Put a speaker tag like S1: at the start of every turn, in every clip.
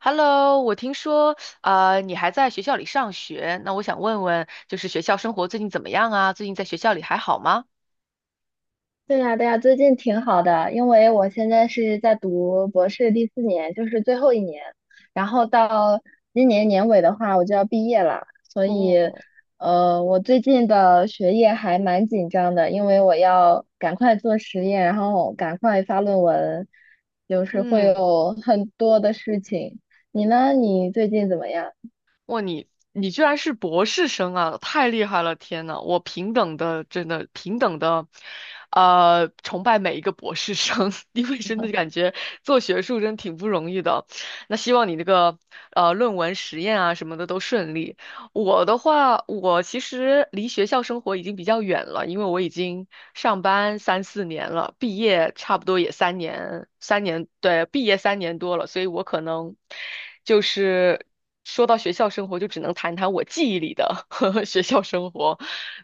S1: Hello,我听说啊，你还在学校里上学，那我想问问，就是学校生活最近怎么样啊？最近在学校里还好吗？
S2: 对呀，对呀，最近挺好的，因为我现在是在读博士第4年，就是最后一年，然后到今年年尾的话，我就要毕业了，所以，
S1: 哦。
S2: 我最近的学业还蛮紧张的，因为我要赶快做实验，然后赶快发论文，就是会
S1: 嗯。
S2: 有很多的事情。你呢？你最近怎么样？
S1: 哇，你居然是博士生啊，太厉害了！天呐，我平等的，真的平等的，崇拜每一个博士生，因为真的感觉做学术真挺不容易的。那希望你那个论文实验啊什么的都顺利。我的话，我其实离学校生活已经比较远了，因为我已经上班三四年了，毕业差不多也三年，三年，对，毕业三年多了，所以我可能就是说到学校生活，就只能谈谈我记忆里的 学校生活。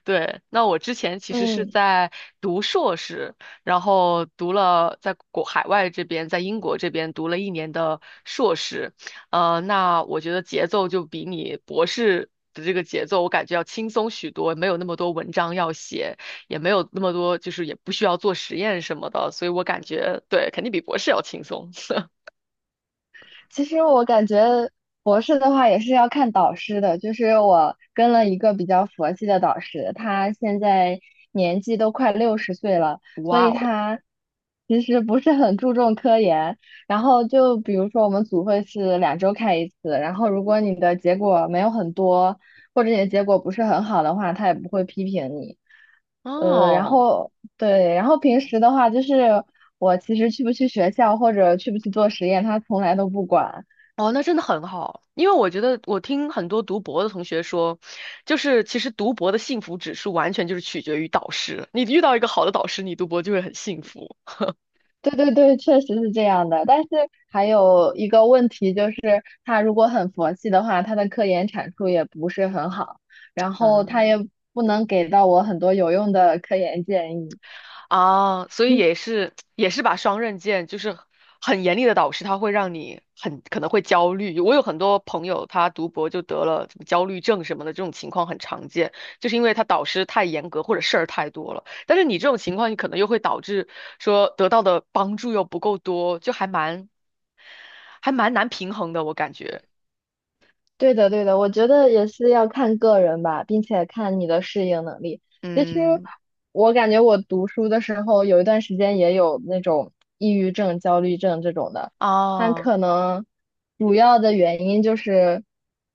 S1: 对，那我之前其实是
S2: 嗯。
S1: 在读硕士，然后读了在国海外这边，在英国这边读了一年的硕士。那我觉得节奏就比你博士的这个节奏，我感觉要轻松许多，没有那么多文章要写，也没有那么多，就是也不需要做实验什么的，所以我感觉对，肯定比博士要轻松。
S2: 其实我感觉博士的话也是要看导师的，就是我跟了一个比较佛系的导师，他现在年纪都快60岁了，所
S1: 哇
S2: 以
S1: 哦。
S2: 他其实不是很注重科研。然后就比如说我们组会是2周开一次，然后如果你的结果没有很多，或者你的结果不是很好的话，他也不会批评你。然
S1: 哦。
S2: 后对，然后平时的话，就是我其实去不去学校或者去不去做实验，他从来都不管。
S1: 哦，那真的很好，因为我觉得我听很多读博的同学说，就是其实读博的幸福指数完全就是取决于导师。你遇到一个好的导师，你读博就会很幸福。
S2: 对对对，确实是这样的。但是还有一个问题就是，他如果很佛系的话，他的科研产出也不是很好，然后他
S1: 嗯。
S2: 也不能给到我很多有用的科研建议。
S1: 啊，所以 也是也是把双刃剑，就是很严厉的导师，他会让你很可能会焦虑。我有很多朋友，他读博就得了什么焦虑症什么的，这种情况很常见，就是因为他导师太严格或者事儿太多了。但是你这种情况，你可能又会导致说得到的帮助又不够多，就还蛮还蛮难平衡的，我感觉。
S2: 对的，对的，我觉得也是要看个人吧，并且看你的适应能力。其实
S1: 嗯。
S2: 我感觉我读书的时候有一段时间也有那种抑郁症、焦虑症这种的，但
S1: 啊。
S2: 可能主要的原因就是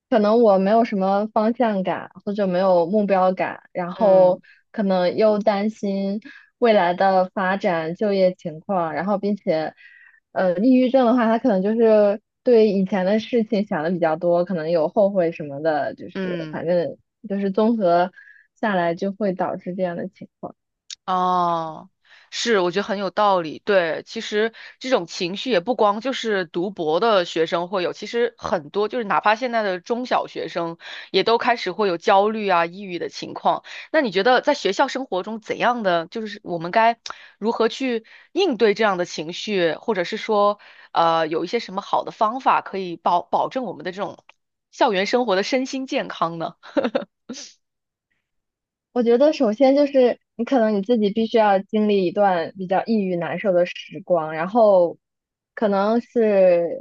S2: 可能我没有什么方向感或者没有目标感，然
S1: 嗯
S2: 后可能又担心未来的发展、就业情况，然后并且。抑郁症的话，他可能就是对以前的事情想的比较多，可能有后悔什么的，就是
S1: 嗯。
S2: 反正就是综合下来就会导致这样的情况。
S1: 哦，是，我觉得很有道理。对，其实这种情绪也不光就是读博的学生会有，其实很多就是哪怕现在的中小学生也都开始会有焦虑啊、抑郁的情况。那你觉得在学校生活中怎样的，就是我们该如何去应对这样的情绪，或者是说，有一些什么好的方法可以保保证我们的这种校园生活的身心健康呢？
S2: 我觉得首先就是你可能你自己必须要经历一段比较抑郁难受的时光，然后可能是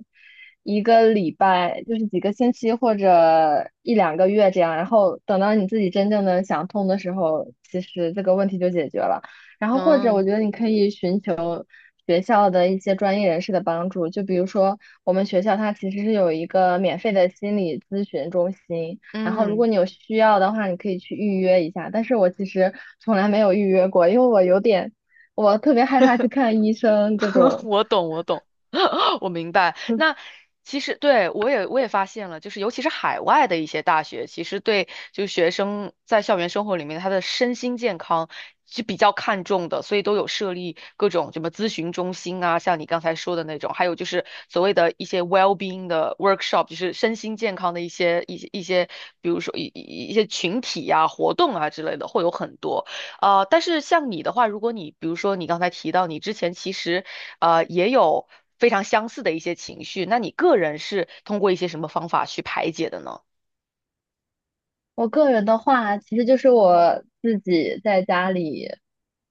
S2: 1个礼拜，就是几个星期或者1到2个月这样，然后等到你自己真正的想通的时候，其实这个问题就解决了。然后或者我
S1: 嗯
S2: 觉得你可以寻求学校的一些专业人士的帮助，就比如说我们学校它其实是有一个免费的心理咨询中心。然后如
S1: 嗯。
S2: 果你有需要的话，你可以去预约一下。但是我其实从来没有预约过，因为我有点，我特别害怕去看医生这 种。
S1: 我懂，我懂，我明白。
S2: 嗯
S1: 那其实对我也发现了，就是尤其是海外的一些大学，其实对就学生在校园生活里面他的身心健康是比较看重的，所以都有设立各种什么咨询中心啊，像你刚才说的那种，还有就是所谓的一些 well-being 的 workshop,就是身心健康的一些，比如说一些群体呀、活动啊之类的，会有很多。但是像你的话，如果你比如说你刚才提到你之前其实也有非常相似的一些情绪，那你个人是通过一些什么方法去排解的呢？
S2: 我个人的话，其实就是我自己在家里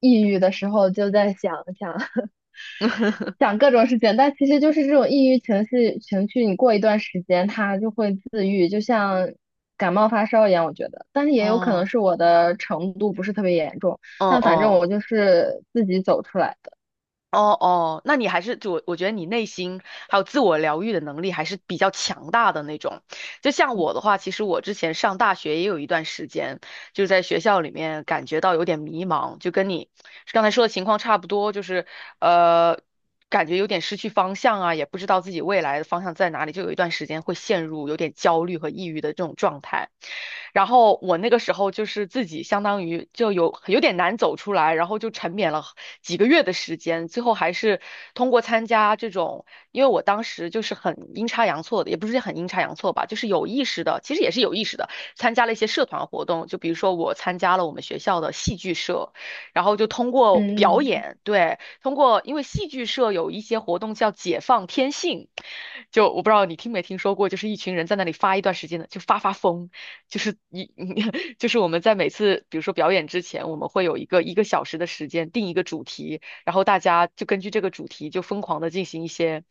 S2: 抑郁的时候，就在想想 想各种事情，但其实就是这种抑郁情绪，你过一段时间它就会自愈，就像感冒发烧一样，我觉得。但是也有可能
S1: 哦。
S2: 是我的程度不是特别严重，
S1: 嗯
S2: 但反正
S1: 嗯。
S2: 我就是自己走出来。的。
S1: 哦哦，那你还是就我觉得你内心还有自我疗愈的能力还是比较强大的那种。就像我的话，其实我之前上大学也有一段时间，就是在学校里面感觉到有点迷茫，就跟你刚才说的情况差不多，就是呃，感觉有点失去方向啊，也不知道自己未来的方向在哪里，就有一段时间会陷入有点焦虑和抑郁的这种状态。然后我那个时候就是自己相当于就有点难走出来，然后就沉湎了几个月的时间，最后还是通过参加这种，因为我当时就是很阴差阳错的，也不是很阴差阳错吧，就是有意识的，其实也是有意识的，参加了一些社团活动，就比如说我参加了我们学校的戏剧社，然后就通过表
S2: 嗯，
S1: 演，对，通过因为戏剧社有一些活动叫解放天性，就我不知道你听没听说过，就是一群人在那里发一段时间的，就发发疯。就是一 就是我们在每次比如说表演之前，我们会有一个一个小时的时间定一个主题，然后大家就根据这个主题就疯狂的进行一些，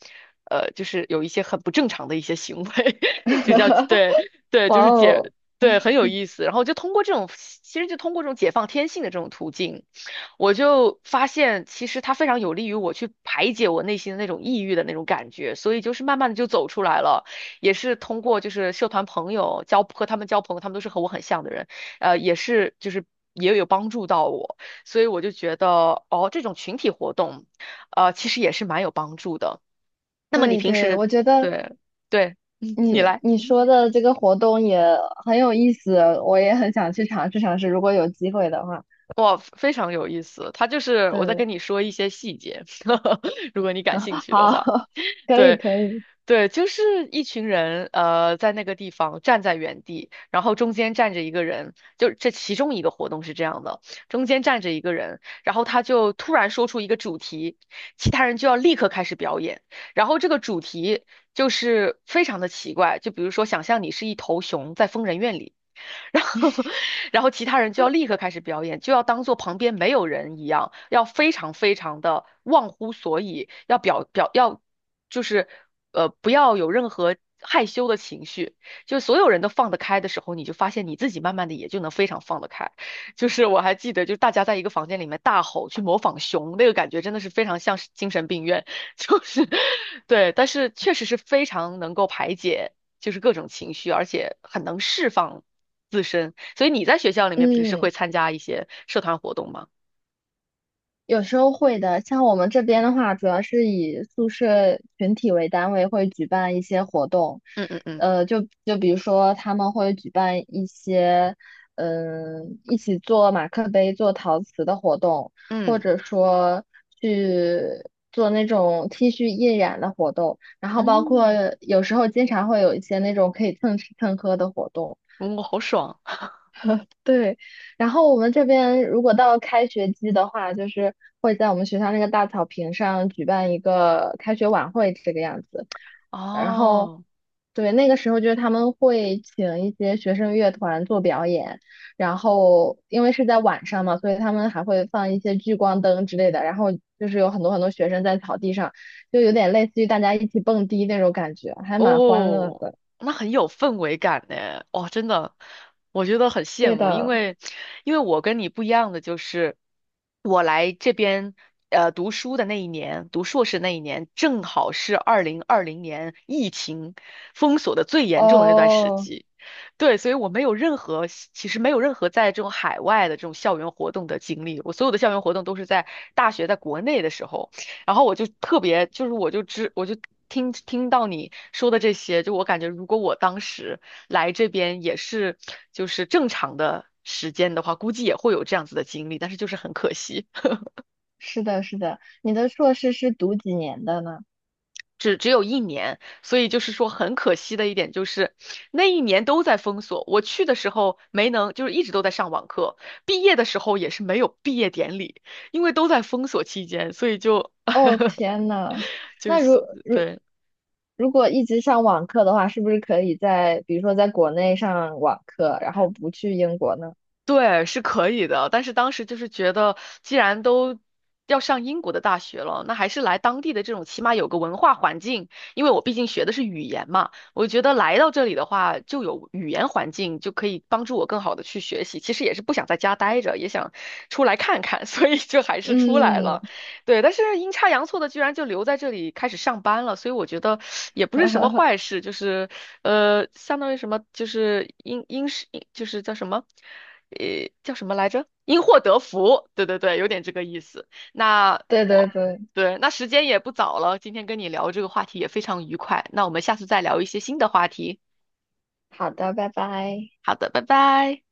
S1: 就是有一些很不正常的一些行为，就叫对 对，
S2: 哇
S1: 就是解
S2: 哦，
S1: 对很有意思。然后就通过这种，其实就通过这种解放天性的这种途径，我就发现其实它非常有利于我去排解我内心的那种抑郁的那种感觉，所以就是慢慢的就走出来了。也是通过就是社团朋友交和他们交朋友，他们都是和我很像的人，也是就是也有帮助到我，所以我就觉得哦，这种群体活动，其实也是蛮有帮助的。
S2: 对对，我觉得
S1: 对对，嗯，你
S2: 你
S1: 来，
S2: 你说的这个活动也很有意思，我也很想去尝试尝试，如果有机会的话。
S1: 哇，非常有意思。他就是我在
S2: 对，
S1: 跟你说一些细节，如果你感
S2: 好，
S1: 兴趣的话。
S2: 可以
S1: 对，
S2: 可以，
S1: 对，就是一群人，在那个地方站在原地，然后中间站着一个人，就这其中一个活动是这样的，中间站着一个人，然后他就突然说出一个主题，其他人就要立刻开始表演，然后这个主题就是非常的奇怪，就比如说想象你是一头熊在疯人院里。然后，然后其他人就要立刻开始表演，就要当做旁边没有人一样，要非常非常的忘乎所以，要表表要就是不要有任何害羞的情绪，就所有人都放得开的时候，你就发现你自己慢慢的也就能非常放得开。就是我还记得，就是大家在一个房间里面大吼去模仿熊，那个感觉真的是非常像是精神病院，就是对，但是确实是非常能够排解。就是各种情绪，而且很能释放自身。所以你在学校里面平时
S2: 嗯。
S1: 会参加一些社团活动吗？
S2: 有时候会的，像我们这边的话，主要是以宿舍群体为单位，会举办一些活动，
S1: 嗯嗯嗯
S2: 就比如说他们会举办一些，嗯、一起做马克杯、做陶瓷的活动，或
S1: 嗯
S2: 者说去做那种 T 恤印染的活动，然后包括
S1: 嗯，
S2: 有时候经常会有一些那种可以蹭吃蹭喝的活动。
S1: 嗯我好爽
S2: 对，然后我们这边如果到开学季的话，就是会在我们学校那个大草坪上举办一个开学晚会这个样子。然后，
S1: 哦！
S2: 对，那个时候就是他们会请一些学生乐团做表演，然后因为是在晚上嘛，所以他们还会放一些聚光灯之类的。然后就是有很多很多学生在草地上，就有点类似于大家一起蹦迪那种感觉，还蛮欢乐
S1: 哦，
S2: 的。
S1: 那很有氛围感呢。哦，真的，我觉得很羡
S2: 对
S1: 慕，因
S2: 的，
S1: 为因为我跟你不一样的就是，我来这边读书的那一年，读硕士那一年，正好是2020年疫情封锁的最严重的那段时
S2: 哦。
S1: 期。对，所以我没有任何，其实没有任何在这种海外的这种校园活动的经历。我所有的校园活动都是在大学在国内的时候。然后我就特别，就是我就知，我就听听到你说的这些，就我感觉，如果我当时来这边也是就是正常的时间的话，估计也会有这样子的经历，但是就是很可惜，
S2: 是的，是的，你的硕士是读几年的呢？
S1: 只只有一年，所以就是说很可惜的一点就是那一年都在封锁，我去的时候没能，就是一直都在上网课，毕业的时候也是没有毕业典礼，因为都在封锁期间，所以就
S2: 哦，天呐，
S1: 就是
S2: 那
S1: 所
S2: 如
S1: 对。
S2: 如果一直上网课的话，是不是可以在比如说在国内上网课，然后不去英国呢？
S1: 对，是可以的，但是当时就是觉得，既然都要上英国的大学了，那还是来当地的这种，起码有个文化环境。因为我毕竟学的是语言嘛，我觉得来到这里的话，就有语言环境，就可以帮助我更好的去学习。其实也是不想在家待着，也想出来看看，所以就还是出来
S2: 嗯，
S1: 了。对，但是阴差阳错的，居然就留在这里开始上班了，所以我觉得也不是什么坏 事，就是相当于什么，就是英英式，就是叫什么？叫什么来着？因祸得福，对对对，有点这个意思。那
S2: 对对
S1: 哦，
S2: 对，
S1: 对，那时间也不早了，今天跟你聊这个话题也非常愉快，那我们下次再聊一些新的话题。
S2: 好的，拜拜。
S1: 好的，拜拜。